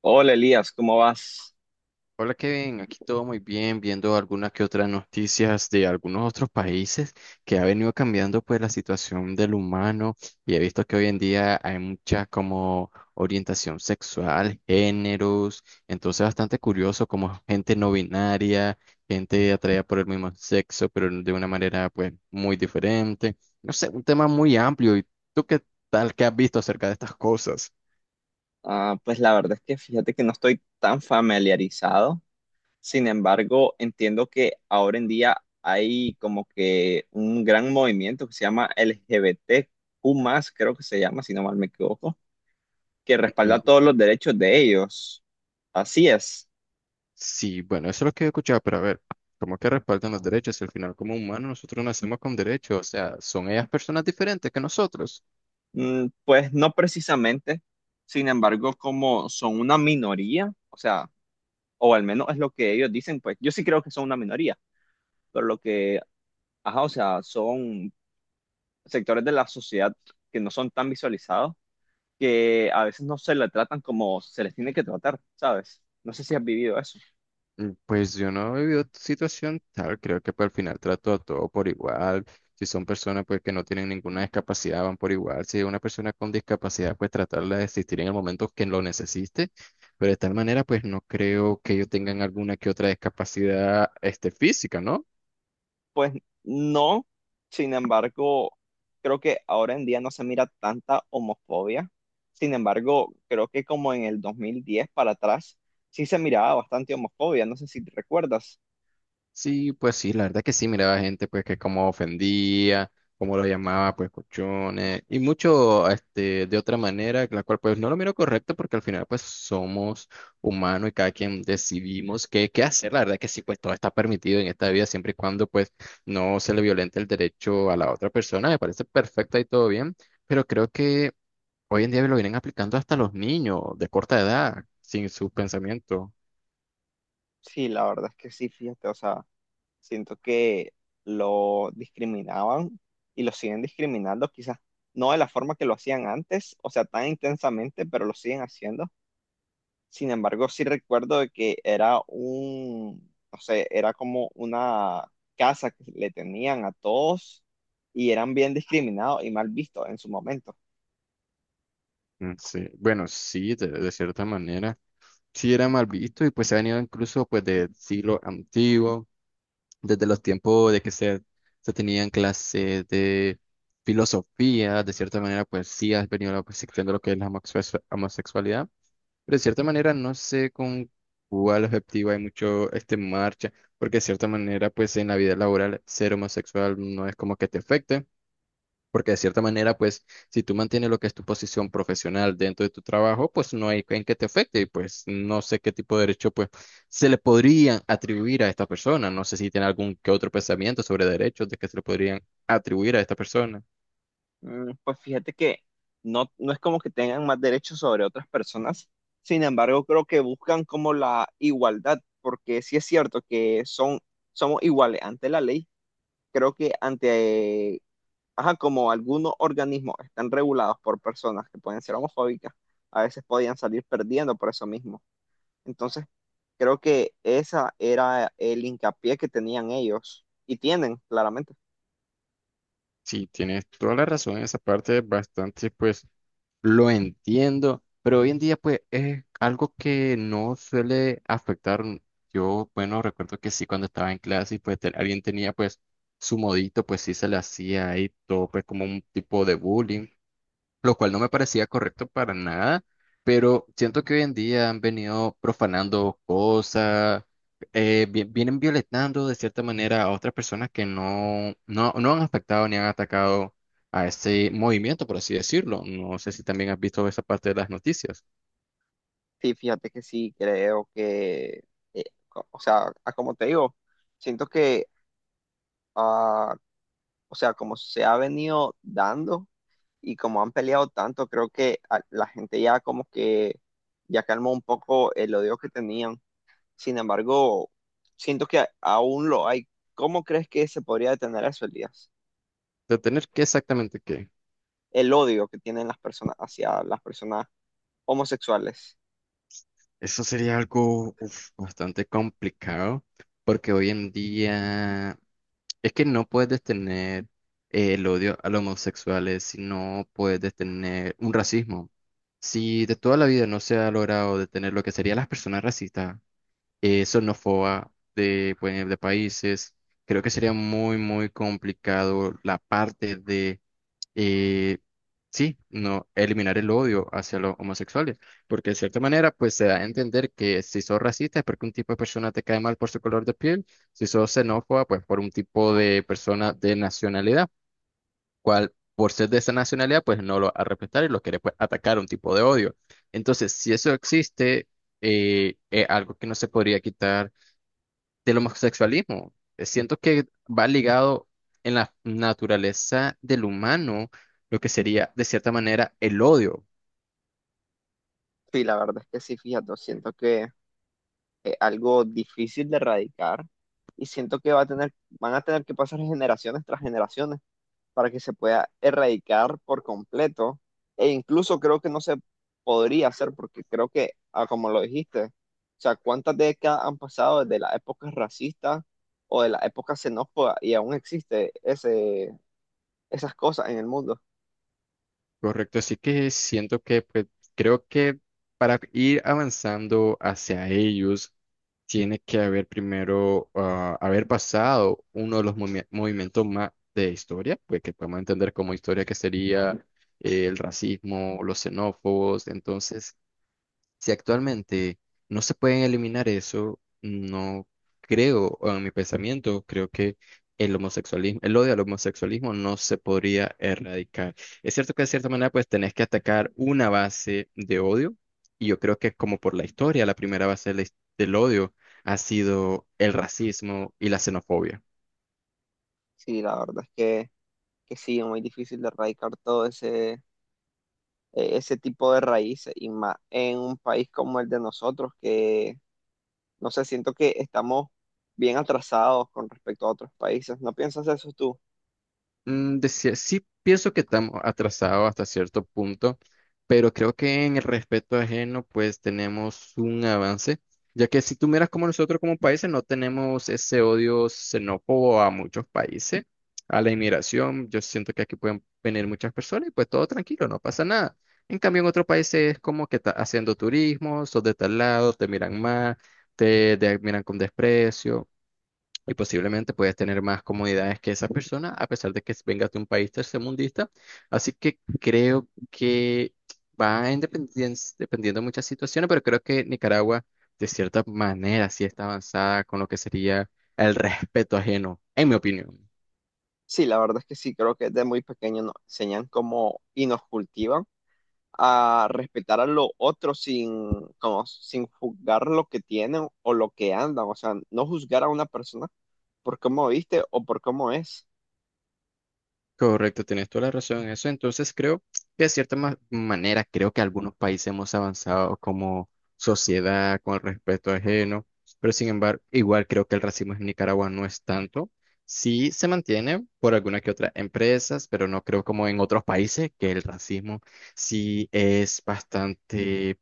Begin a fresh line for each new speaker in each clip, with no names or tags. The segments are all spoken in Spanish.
Hola Elías, ¿cómo vas?
Hola Kevin, aquí todo muy bien, viendo algunas que otras noticias de algunos otros países que ha venido cambiando pues la situación del humano, y he visto que hoy en día hay mucha como orientación sexual, géneros. Entonces, bastante curioso como gente no binaria, gente atraída por el mismo sexo pero de una manera pues muy diferente. No sé, un tema muy amplio. ¿Y tú qué tal? ¿Qué has visto acerca de estas cosas?
Ah, pues la verdad es que fíjate que no estoy tan familiarizado, sin embargo entiendo que ahora en día hay como que un gran movimiento que se llama LGBTQ+, creo que se llama, si no mal me equivoco, que respalda
Mm,
todos los derechos de ellos. Así es.
sí, bueno, eso es lo que he escuchado, pero a ver, ¿cómo que respaldan los derechos? Si al final como humanos nosotros nacemos con derechos, o sea, ¿son ellas personas diferentes que nosotros?
Mm, pues no precisamente, sin embargo, como son una minoría, o sea, o al menos es lo que ellos dicen, pues yo sí creo que son una minoría, pero lo que... Ajá, o sea, son sectores de la sociedad que no son tan visualizados, que a veces no se le tratan como se les tiene que tratar, ¿sabes? No sé si has vivido eso.
Pues yo no he vivido situación tal, creo que pues, al final trato a todo por igual. Si son personas pues que no tienen ninguna discapacidad, van por igual; si es una persona con discapacidad, pues tratarla de existir en el momento que lo necesite. Pero de tal manera pues no creo que ellos tengan alguna que otra discapacidad este, física, ¿no?
Pues no, sin embargo, creo que ahora en día no se mira tanta homofobia. Sin embargo, creo que como en el 2010 para atrás, sí se miraba bastante homofobia, no sé si te recuerdas.
Sí, pues sí, la verdad que sí, miraba gente pues que cómo ofendía, cómo lo llamaba pues cochones y mucho este de otra manera, la cual pues no lo miro correcto, porque al final pues somos humanos y cada quien decidimos qué hacer. La verdad que sí, pues todo está permitido en esta vida siempre y cuando pues no se le violente el derecho a la otra persona. Me parece perfecto y todo bien, pero creo que hoy en día lo vienen aplicando hasta los niños de corta edad, sin sus pensamientos.
Sí, la verdad es que sí, fíjate, o sea, siento que lo discriminaban y lo siguen discriminando, quizás no de la forma que lo hacían antes, o sea, tan intensamente, pero lo siguen haciendo. Sin embargo, sí recuerdo de que era un, no sé, era como una casa que le tenían a todos y eran bien discriminados y mal vistos en su momento.
Mm, sí, bueno, sí, de cierta manera. Sí era mal visto, y pues se ha venido incluso pues del siglo antiguo, desde los tiempos de que se tenían clases de filosofía. De cierta manera pues sí ha venido la percepción de lo que es la homosexualidad, pero de cierta manera no sé con cuál objetivo hay mucho este en marcha, porque de cierta manera pues en la vida laboral ser homosexual no es como que te afecte. Porque de cierta manera, pues, si tú mantienes lo que es tu posición profesional dentro de tu trabajo, pues no hay en qué te afecte. Y pues no sé qué tipo de derecho, pues, se le podrían atribuir a esta persona. No sé si tiene algún que otro pensamiento sobre derechos de que se le podrían atribuir a esta persona.
Pues fíjate que no, no es como que tengan más derechos sobre otras personas, sin embargo, creo que buscan como la igualdad, porque sí es cierto que son, somos iguales ante la ley, creo que ante, ajá, como algunos organismos están regulados por personas que pueden ser homofóbicas, a veces podían salir perdiendo por eso mismo. Entonces, creo que esa era el hincapié que tenían ellos y tienen, claramente.
Sí, tienes toda la razón. Esa parte es bastante, pues, lo entiendo, pero hoy en día pues es algo que no suele afectar. Yo, bueno, recuerdo que sí, cuando estaba en clase y pues alguien tenía pues su modito, pues sí se le hacía ahí todo pues como un tipo de bullying, lo cual no me parecía correcto para nada. Pero siento que hoy en día han venido profanando cosas. Vienen violentando de cierta manera a otras personas que no han afectado ni han atacado a este movimiento, por así decirlo. No sé si también has visto esa parte de las noticias.
Sí, fíjate que sí, creo que, eh, co- o sea, a- como te digo, siento que, ah, o sea, como se ha venido dando y como han peleado tanto, creo que a- la gente ya como que ya calmó un poco el odio que tenían. Sin embargo, siento que a- aún lo hay. ¿Cómo crees que se podría detener eso, Elías?
¿Detener qué exactamente? ¿Qué?
El odio que tienen las personas hacia las personas homosexuales.
Eso sería algo, uf, bastante complicado, porque hoy en día... Es que no puedes detener, el odio a los homosexuales, si no puedes detener un racismo. Si de toda la vida no se ha logrado detener lo que serían las personas racistas, xenófobas de países, creo que sería muy, muy complicado la parte. Y sí, no eliminar el odio hacia los homosexuales, porque de cierta manera pues se da a entender que si sos racista es porque un tipo de persona te cae mal por su color de piel; si sos xenófoba, pues por un tipo de persona de nacionalidad, cual por ser de esa nacionalidad pues no lo vas a respetar y lo querés pues atacar, un tipo de odio. Entonces, si eso existe, es algo que no se podría quitar del homosexualismo. Siento que va ligado en la naturaleza del humano, lo que sería de cierta manera el odio,
Sí, la verdad es que sí, fíjate, siento que... algo difícil de erradicar y siento que va a tener, van a tener que pasar generaciones tras generaciones para que se pueda erradicar por completo e incluso creo que no se podría hacer porque creo que, como lo dijiste, o sea, ¿cuántas décadas han pasado desde las épocas racistas o de las épocas xenófobas y aún existe ese, esas cosas en el mundo?
¿correcto? Así que siento que pues, creo que para ir avanzando hacia ellos, tiene que haber primero, haber pasado uno de los movimientos más de historia, pues que podemos entender como historia, que sería el racismo, los xenófobos. Entonces, si actualmente no se pueden eliminar eso, no creo, o en mi pensamiento, creo que el homosexualismo, el odio al homosexualismo no se podría erradicar. Es cierto que de cierta manera pues tenés que atacar una base de odio, y yo creo que como por la historia, la primera base de del odio ha sido el racismo y la xenofobia.
Sí, la verdad es que sí, es muy difícil de erradicar todo ese ese tipo de raíces y más en un país como el de nosotros, que no sé, siento que estamos bien atrasados con respecto a otros países. ¿No piensas eso tú?
Sí pienso que estamos atrasados hasta cierto punto, pero creo que en el respeto ajeno pues tenemos un avance, ya que si tú miras, como nosotros como países no tenemos ese odio xenófobo a muchos países, a la inmigración. Yo siento que aquí pueden venir muchas personas y pues todo tranquilo, no pasa nada. En cambio, en otros países es como que estás haciendo turismo, sos de tal lado, te miran mal, te miran con desprecio, y posiblemente puedes tener más comodidades que esa persona, a pesar de que vengas de un país tercermundista. Así que creo que va en dependiendo de muchas situaciones, pero creo que Nicaragua, de cierta manera, sí está avanzada con lo que sería el respeto ajeno, en mi opinión.
Sí, la verdad es que sí, creo que desde muy pequeño nos enseñan cómo y nos cultivan a respetar a los otros sin, como, sin juzgar lo que tienen o lo que andan, o sea, no juzgar a una persona por cómo viste o por cómo es.
Correcto, tienes toda la razón en eso. Entonces, creo que de cierta manera, creo que algunos países hemos avanzado como sociedad con el respeto ajeno. Pero sin embargo, igual creo que el racismo en Nicaragua no es tanto. Sí se mantiene por algunas que otras empresas, pero no creo como en otros países que el racismo sí es bastante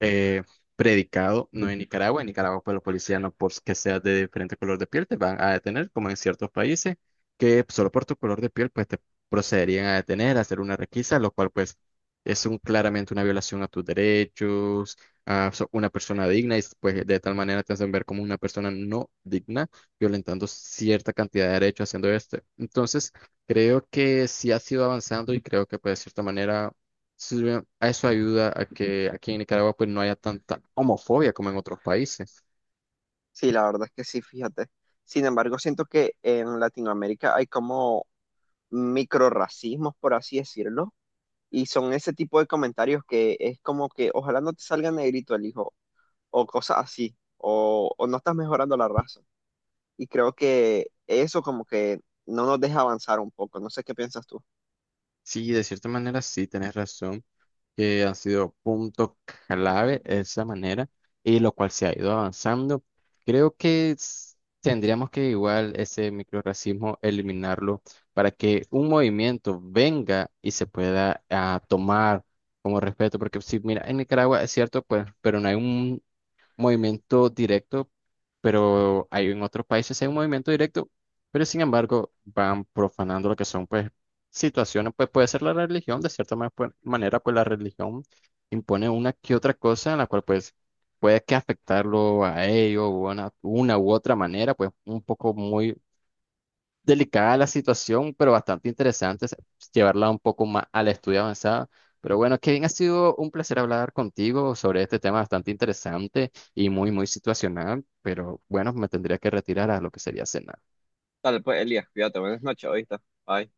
eh, predicado, no en Nicaragua. En Nicaragua, pues los policías no porque seas de diferente color de piel te van a detener, como en ciertos países, que solo por tu color de piel pues te procederían a detener, a hacer una requisa, lo cual pues es un, claramente una violación a tus derechos, a una persona digna, y pues de tal manera te hacen ver como una persona no digna, violentando cierta cantidad de derechos haciendo esto. Entonces, creo que sí ha sido avanzando, y creo que pues de cierta manera sirve, a eso ayuda a que aquí en Nicaragua pues no haya tanta homofobia como en otros países.
Sí, la verdad es que sí, fíjate. Sin embargo, siento que en Latinoamérica hay como microrracismos, por así decirlo, y son ese tipo de comentarios que es como que ojalá no te salga negrito el hijo, o cosas así, o no estás mejorando la raza. Y creo que eso como que no nos deja avanzar un poco. No sé qué piensas tú.
Sí, de cierta manera sí, tenés razón, que han sido punto clave esa manera, y lo cual se ha ido avanzando. Creo que tendríamos que igual ese microrracismo eliminarlo, para que un movimiento venga y se pueda, tomar como respeto. Porque sí, mira, en Nicaragua es cierto, pues, pero no hay movimiento directo, pero hay en otros países, hay un movimiento directo, pero sin embargo van profanando lo que son pues situaciones, pues puede ser la religión. De cierta pues, manera, pues la religión impone una que otra cosa en la cual pues puede que afectarlo a ellos, o una u otra manera, pues un poco muy delicada la situación, pero bastante interesante es llevarla un poco más al estudio avanzado. Pero bueno, Kevin, ha sido un placer hablar contigo sobre este tema bastante interesante y muy, muy situacional, pero bueno, me tendría que retirar a lo que sería cenar.
Dale, pues, Elías, cuídate, buenas noches, ahorita. Bye.